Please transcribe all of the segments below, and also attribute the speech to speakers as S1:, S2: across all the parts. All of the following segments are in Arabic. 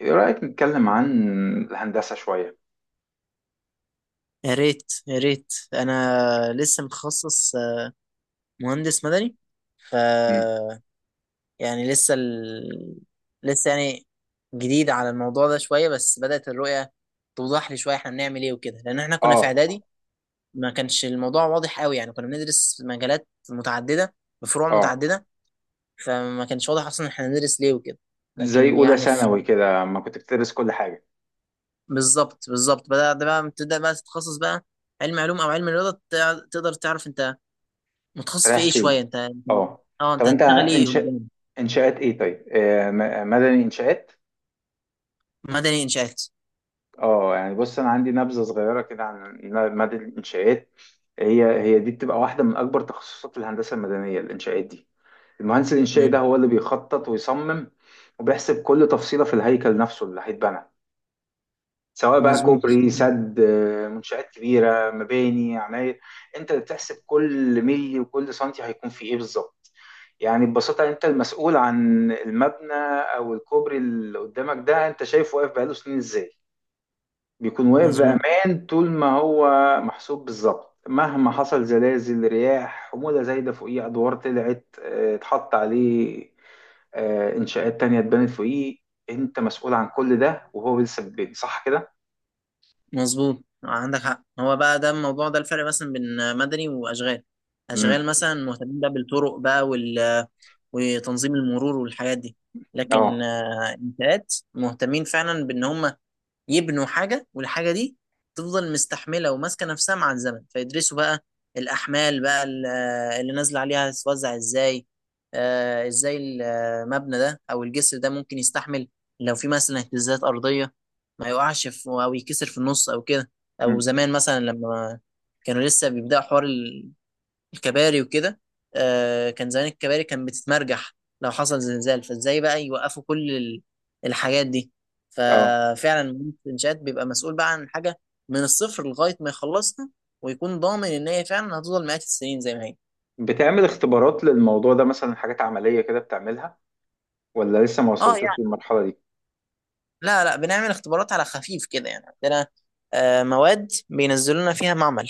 S1: ايه رأيك نتكلم عن الهندسة شوية؟
S2: يا ريت، يا ريت انا لسه متخصص، مهندس مدني. ف
S1: مم.
S2: يعني لسه ال... لسه يعني جديد على الموضوع ده شويه، بس بدأت الرؤيه توضح لي شويه احنا بنعمل ايه وكده، لان احنا كنا في
S1: اه،
S2: اعدادي ما كانش الموضوع واضح قوي. يعني كنا بندرس مجالات متعدده بفروع
S1: اه.
S2: متعدده، فما كانش واضح اصلا احنا بندرس ليه وكده،
S1: زي
S2: لكن
S1: اولى
S2: يعني في...
S1: ثانوي كده ما كنت بتدرس كل حاجة.
S2: بالظبط. بدأت بقى تبدأ بقى تتخصص بقى، علم علوم او علم رياضه، تقدر تعرف انت متخصص في
S1: رايح
S2: ايه
S1: فين؟
S2: شويه.
S1: اه.
S2: اه،
S1: طب
S2: انت
S1: انت
S2: هتشتغل ايه قدام.
S1: انشاءات ايه؟ طيب، مدني انشاءات.
S2: مدني انشاءات.
S1: اه، يعني بص، انا عندي نبذة صغيرة كده عن مدني الانشاءات. هي دي بتبقى واحدة من اكبر تخصصات الهندسة المدنية، الانشاءات دي. المهندس الانشائي ده
S2: امم،
S1: هو اللي بيخطط ويصمم، وبيحسب كل تفصيلة في الهيكل نفسه اللي هيتبنى، سواء بقى
S2: مظبوط.
S1: كوبري،
S2: مم.
S1: سد، منشآت كبيرة، مباني، عماير. انت اللي بتحسب كل ملي وكل سنتي هيكون فيه ايه بالظبط. يعني ببساطة انت المسؤول عن المبنى او الكوبري اللي قدامك ده، انت شايف واقف بقاله سنين ازاي؟ بيكون واقف
S2: مظبوط
S1: بأمان طول ما هو محسوب بالظبط، مهما حصل زلازل، رياح، حمولة زايدة فوقيه، أدوار طلعت اتحط عليه، إنشاءات تانية اتبنت فوقيه. أنت مسؤول عن كل ده وهو لسه في البيت، صح كده؟
S2: مظبوط عندك حق. هو بقى ده الموضوع، ده الفرق مثلا بين مدني واشغال. اشغال مثلا مهتمين بقى بالطرق بقى وتنظيم المرور والحاجات دي، لكن
S1: اه.
S2: انشاءات مهتمين فعلا بان هم يبنوا حاجة، والحاجة دي تفضل مستحملة وماسكة نفسها مع الزمن. فيدرسوا بقى الأحمال بقى، اللي نازلة عليها هتتوزع ازاي، آه ازاي المبنى ده أو الجسر ده ممكن يستحمل لو في مثلا اهتزازات أرضية، ما يقعش في أو يكسر في النص أو كده. أو
S1: مم.
S2: زمان مثلا لما كانوا لسه بيبدأوا حوار الكباري وكده، كان زمان الكباري كان بتتمرجح لو حصل زلزال، فازاي بقى يوقفوا كل الحاجات دي.
S1: اه،
S2: ففعلا مدير الانشاءات بيبقى مسؤول بقى عن حاجه من الصفر لغايه ما يخلصها، ويكون ضامن ان هي فعلا هتفضل مئات السنين زي ما هي.
S1: بتعمل اختبارات للموضوع ده مثلا، حاجات عملية كده بتعملها؟ ولا لسه ما
S2: اه
S1: وصلتوش
S2: يعني،
S1: للمرحلة دي؟
S2: لا لا، بنعمل اختبارات على خفيف كده. يعني عندنا مواد بينزلوا لنا فيها معمل.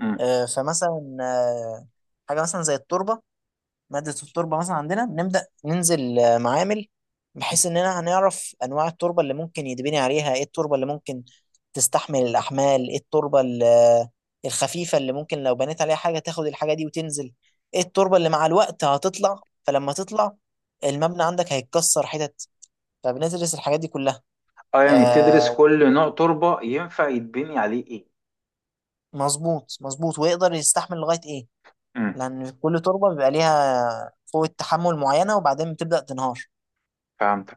S1: مم.
S2: فمثلا حاجه مثلا زي التربه. مادة التربة مثلا عندنا بنبدأ ننزل معامل، بحيث إننا هنعرف أنواع التربة اللي ممكن يتبني عليها، إيه التربة اللي ممكن تستحمل الأحمال، إيه التربة الخفيفة اللي ممكن لو بنيت عليها حاجة تاخد الحاجة دي وتنزل، إيه التربة اللي مع الوقت هتطلع، فلما تطلع المبنى عندك هيتكسر حتت. فبندرس الحاجات دي كلها.
S1: اه، يعني تدرس
S2: آه،
S1: كل نوع تربة ينفع يتبني عليه ايه.
S2: مظبوط ويقدر يستحمل لغاية إيه،
S1: مم.
S2: لأن كل تربة بيبقى ليها قوة تحمل معينة وبعدين بتبدأ تنهار.
S1: فهمت.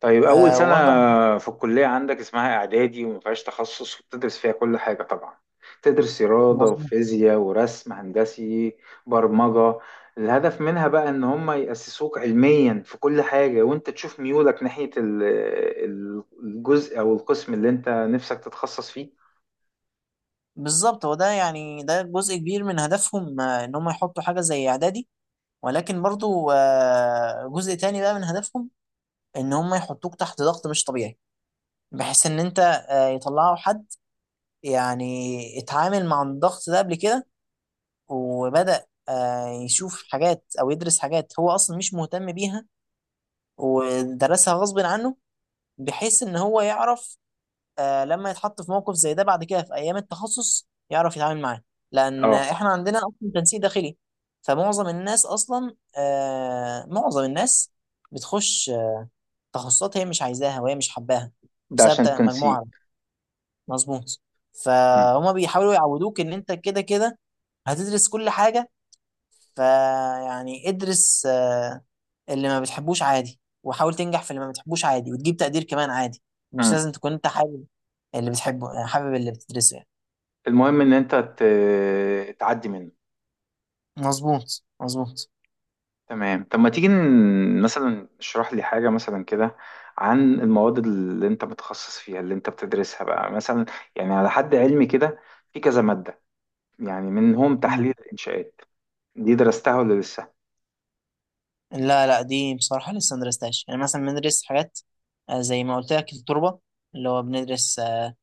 S1: طيب، أول
S2: آه،
S1: سنة
S2: وبرضه
S1: في الكلية عندك اسمها إعدادي، وما فيهاش تخصص، وبتدرس فيها كل حاجة طبعا. تدرس رياضة
S2: مظبوط.
S1: وفيزياء ورسم هندسي، برمجة. الهدف منها بقى إن هم يأسسوك علميا في كل حاجة، وأنت تشوف ميولك ناحية الجزء أو القسم اللي أنت نفسك تتخصص فيه.
S2: بالظبط، هو ده يعني ده جزء كبير من هدفهم، ان هم يحطوا حاجه زي اعدادي، ولكن برضو جزء تاني بقى من هدفهم ان هم يحطوك تحت ضغط مش طبيعي، بحيث ان انت، يطلعوا حد يعني اتعامل مع الضغط ده قبل كده وبدأ يشوف حاجات او يدرس حاجات هو اصلا مش مهتم بيها، ودرسها غصب عنه، بحيث ان هو يعرف لما يتحط في موقف زي ده بعد كده في ايام التخصص يعرف يتعامل معاه. لان
S1: اه.
S2: احنا عندنا اصلا تنسيق داخلي، فمعظم الناس اصلا آه، معظم الناس بتخش تخصصات هي مش عايزاها وهي مش حباها
S1: ده
S2: بسبب
S1: عشان تنسيق.
S2: مجموعة. مظبوط.
S1: م.
S2: فهما بيحاولوا يعودوك ان انت كده كده هتدرس كل حاجة. فيعني ادرس اللي ما بتحبوش عادي، وحاول تنجح في اللي ما بتحبوش عادي، وتجيب تقدير كمان عادي. مش
S1: م.
S2: لازم تكون انت حابب اللي بتحبه، يعني حابب اللي بتدرسه يعني.
S1: المهم إن أنت تعدي منه.
S2: مظبوط.
S1: تمام. طب ما تيجي مثلا اشرح لي حاجة مثلا كده، عن المواد اللي انت متخصص فيها، اللي انت بتدرسها بقى مثلا. يعني على حد علمي كده، في كذا مادة، يعني منهم تحليل
S2: مم.
S1: الإنشاءات. دي درستها ولا لسه؟
S2: لا لا، دي بصراحة لسه مدرستهاش. يعني مثلا بندرس حاجات زي ما قلت لك التربة، اللي هو بندرس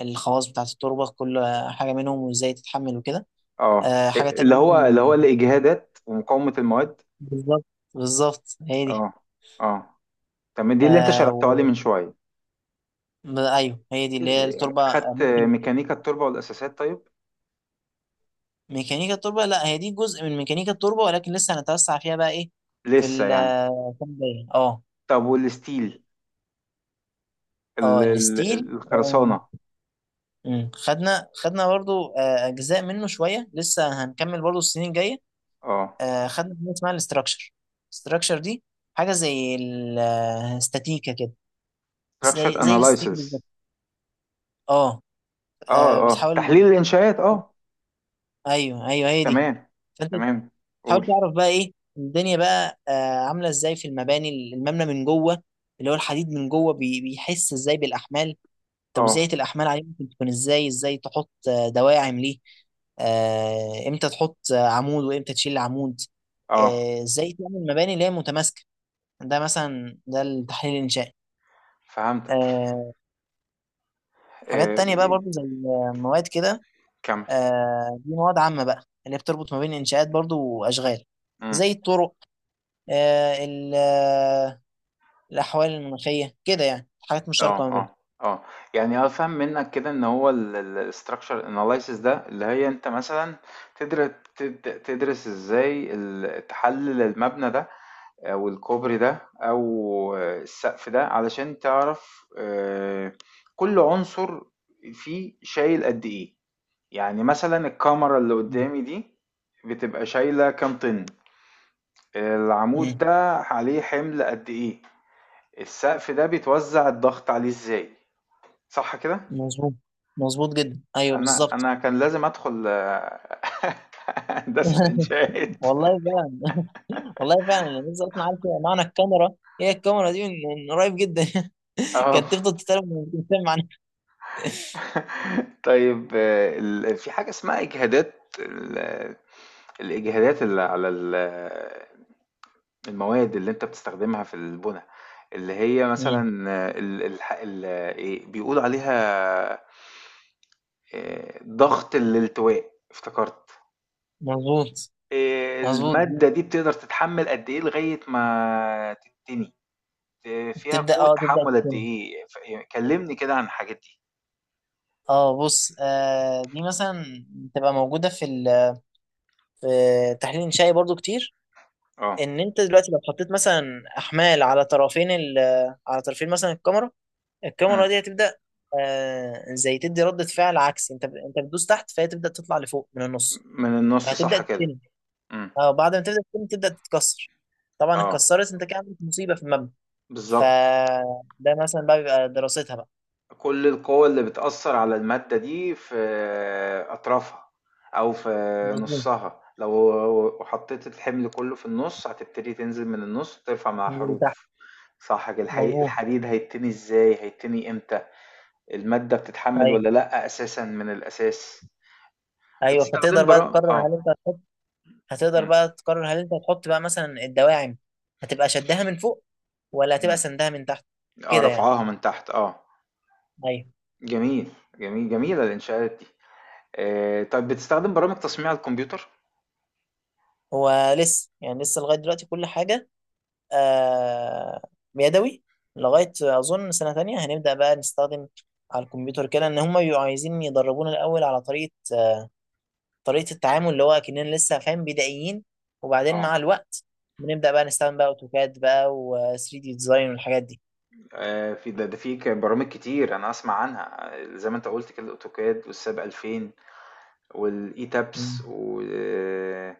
S2: الخواص بتاعة التربة، كل حاجة منهم وازاي تتحمل وكده.
S1: اه،
S2: آه، حاجة تانية
S1: اللي هو
S2: ممكن.
S1: الإجهادات ومقاومة المواد.
S2: بالظبط، بالظبط هي دي.
S1: اه، اه، تمام، دي اللي انت
S2: آه،
S1: شرحتها لي
S2: و...
S1: من شوية.
S2: ايوه هي دي اللي هي التربة، آه،
S1: خدت
S2: ممكن.
S1: ميكانيكا التربة والأساسات طيب؟
S2: ميكانيكا التربه، لا هي دي جزء من ميكانيكا التربه، ولكن لسه هنتوسع فيها بقى ايه. في
S1: لسه يعني.
S2: السنه الجايه، اه.
S1: طب والستيل،
S2: اه الستيل،
S1: الخرسانة.
S2: مم. خدنا برضو اجزاء منه شويه، لسه هنكمل برضو السنين الجايه.
S1: اه،
S2: خدنا حاجه اسمها الاستراكشر. الاستراكشر دي حاجه زي الاستاتيكا كده،
S1: structure
S2: زي الاستاتيكا
S1: analysis.
S2: بالظبط. اه، آه،
S1: اه، اه،
S2: بتحاول
S1: تحليل الانشاءات، اه.
S2: ايوه ايوه هي دي.
S1: تمام،
S2: فانت
S1: تمام،
S2: حاول
S1: قول.
S2: تعرف بقى ايه الدنيا بقى آه عامله ازاي في المباني، المبنى من جوه اللي هو الحديد من جوه بيحس ازاي بالاحمال، توزيعه
S1: اه،
S2: الاحمال عليه ممكن تكون ازاي، ازاي تحط دواعم ليه، امتى تحط عمود وامتى تشيل عمود،
S1: اه،
S2: ازاي تعمل مباني اللي هي متماسكه. ده مثلا ده التحليل الانشائي.
S1: فهمتك.
S2: آه، حاجات
S1: آه،
S2: تانية بقى برضو زي مواد كده.
S1: كمل.
S2: دي مواد عامة بقى، اللي هي بتربط ما بين الانشاءات برضو واشغال،
S1: امم.
S2: زي الطرق، آه، ال- الأحوال المناخية كده، يعني حاجات مشتركة ما
S1: اه،
S2: بيننا.
S1: اه، اه، يعني افهم منك كده ان هو الاستراكشر اناليسيس ده، اللي هي انت مثلا تدرس تدرس ازاي تحلل المبنى ده او الكوبري ده او السقف ده، علشان تعرف كل عنصر فيه شايل قد ايه. يعني مثلا الكاميرا اللي
S2: مم.
S1: قدامي دي بتبقى شايلة كام طن؟ العمود
S2: مم.
S1: ده عليه حمل قد ايه؟ السقف ده بيتوزع الضغط عليه ازاي؟ صح كده؟
S2: مظبوط مظبوط جدا، أيوه
S1: انا
S2: بالظبط.
S1: انا كان لازم ادخل هندسة انشاءات.
S2: والله فعلا، والله فعلا. أنا لسه أصلا عارف معنى الكاميرا، هي الكاميرا دي من من قريب جدا.
S1: اه،
S2: كانت تفضل تتكلم وتتكلم معناها.
S1: طيب، في حاجة اسمها اجهادات، الاجهادات اللي على المواد اللي أنت بتستخدمها في البنا، اللي هي
S2: مم.
S1: مثلًا، آه، ال الح ال إيه بيقولوا عليها؟ ضغط الالتواء افتكرت،
S2: مظبوط مظبوط
S1: المادة
S2: دي.
S1: دي بتقدر تتحمل قد إيه لغاية ما تتني، فيها
S2: تبدأ
S1: قوة
S2: اه تبدأ
S1: تحمل قد
S2: تتكلم.
S1: إيه؟ ف ي كلمني كده عن الحاجات دي.
S2: اه بص، آه دي مثلا تبقى موجودة في تحليل إنشائي برضو كتير.
S1: آه،
S2: إن أنت دلوقتي لو حطيت مثلا أحمال على طرفين ال على طرفين مثلا الكاميرا، الكاميرا
S1: إمم،
S2: دي هتبدا، آه زي تدي ردة فعل عكسي. انت بتدوس تحت فهي تبدا تطلع لفوق من النص،
S1: من النُص
S2: فهتبدا
S1: صح كده،
S2: تتني.
S1: إمم.
S2: اه، بعد ما تبدا تتني تبدا تتكسر، طبعا
S1: آه،
S2: اتكسرت انت كده عملت مصيبه في المبنى.
S1: بالضبط.
S2: فده مثلا بقى بيبقى دراستها بقى.
S1: كل القوى اللي بتأثر على المادة دي في أطرافها أو في
S2: مظبوط.
S1: نصها. لو حطيت الحمل كله في النص هتبتدي تنزل من النص ترفع مع
S2: تنزل تحت.
S1: حروف. صح كده؟
S2: مظبوط.
S1: الحديد هيتني ازاي؟ هيتني امتى؟ المادة بتتحمل
S2: ايوه
S1: ولا لأ أساسا من الأساس؟
S2: ايوه،
S1: بتستخدم
S2: فتقدر بقى
S1: براءة،
S2: تقرر هل
S1: اه.
S2: انت هتحط هتقدر
S1: مم.
S2: بقى تقرر هل انت هتحط بقى مثلا الدواعم، هتبقى شدها من فوق ولا هتبقى
S1: مم.
S2: سندها من تحت
S1: اه،
S2: كده يعني.
S1: رفعها من تحت، اه.
S2: ايوه.
S1: جميل، جميل، جميلة الإنشاءات دي. طيب بتستخدم برامج تصميم على الكمبيوتر؟
S2: هو لسه يعني، لسه لغايه دلوقتي كل حاجه آه يدوي. لغاية أظن سنة تانية هنبدأ بقى نستخدم على الكمبيوتر كده. إن هما بيبقوا عايزين يدربونا الأول على طريقة التعامل، اللي هو كأننا لسه فاهم بدائيين، وبعدين
S1: اه.
S2: مع الوقت بنبدأ بقى نستخدم بقى أوتوكاد بقى و 3 دي ديزاين والحاجات دي.
S1: في ده, ده في برامج كتير انا اسمع عنها، زي ما انت قلت كده، الاوتوكاد والساب 2000 والاي تابس
S2: مم.
S1: و... آه،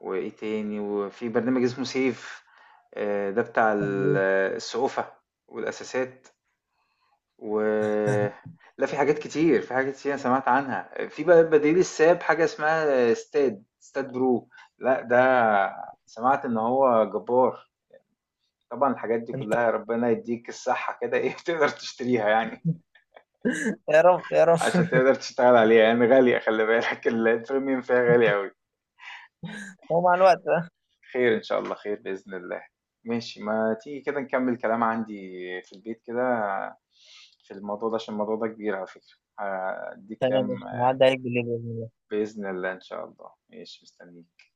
S1: وايه تاني، وفي برنامج اسمه سيف، ده بتاع
S2: تمام.
S1: السقوفة والاساسات، و لا، في حاجات كتير، في حاجات كتير انا سمعت عنها، في بقى بديل الساب حاجة اسمها ستاد برو. لا، ده سمعت ان هو جبار. طبعا الحاجات دي
S2: انت،
S1: كلها ربنا يديك الصحة كده، ايه، تقدر تشتريها يعني
S2: يا رب يا رب.
S1: عشان تقدر تشتغل عليها، يعني غالية، خلي بالك، البريميوم فيها غالي أوي.
S2: هو مع الوقت بقى.
S1: خير، إن شاء الله خير، بإذن الله. ماشي، ما تيجي كده نكمل، كلام عندي في البيت كده في الموضوع ده، عشان الموضوع ده كبير، على فكرة هديك
S2: تمام،
S1: كام.
S2: قشطة. هعدي عليك بالليل.
S1: بإذن الله، إن شاء الله، ماشي، مستنيك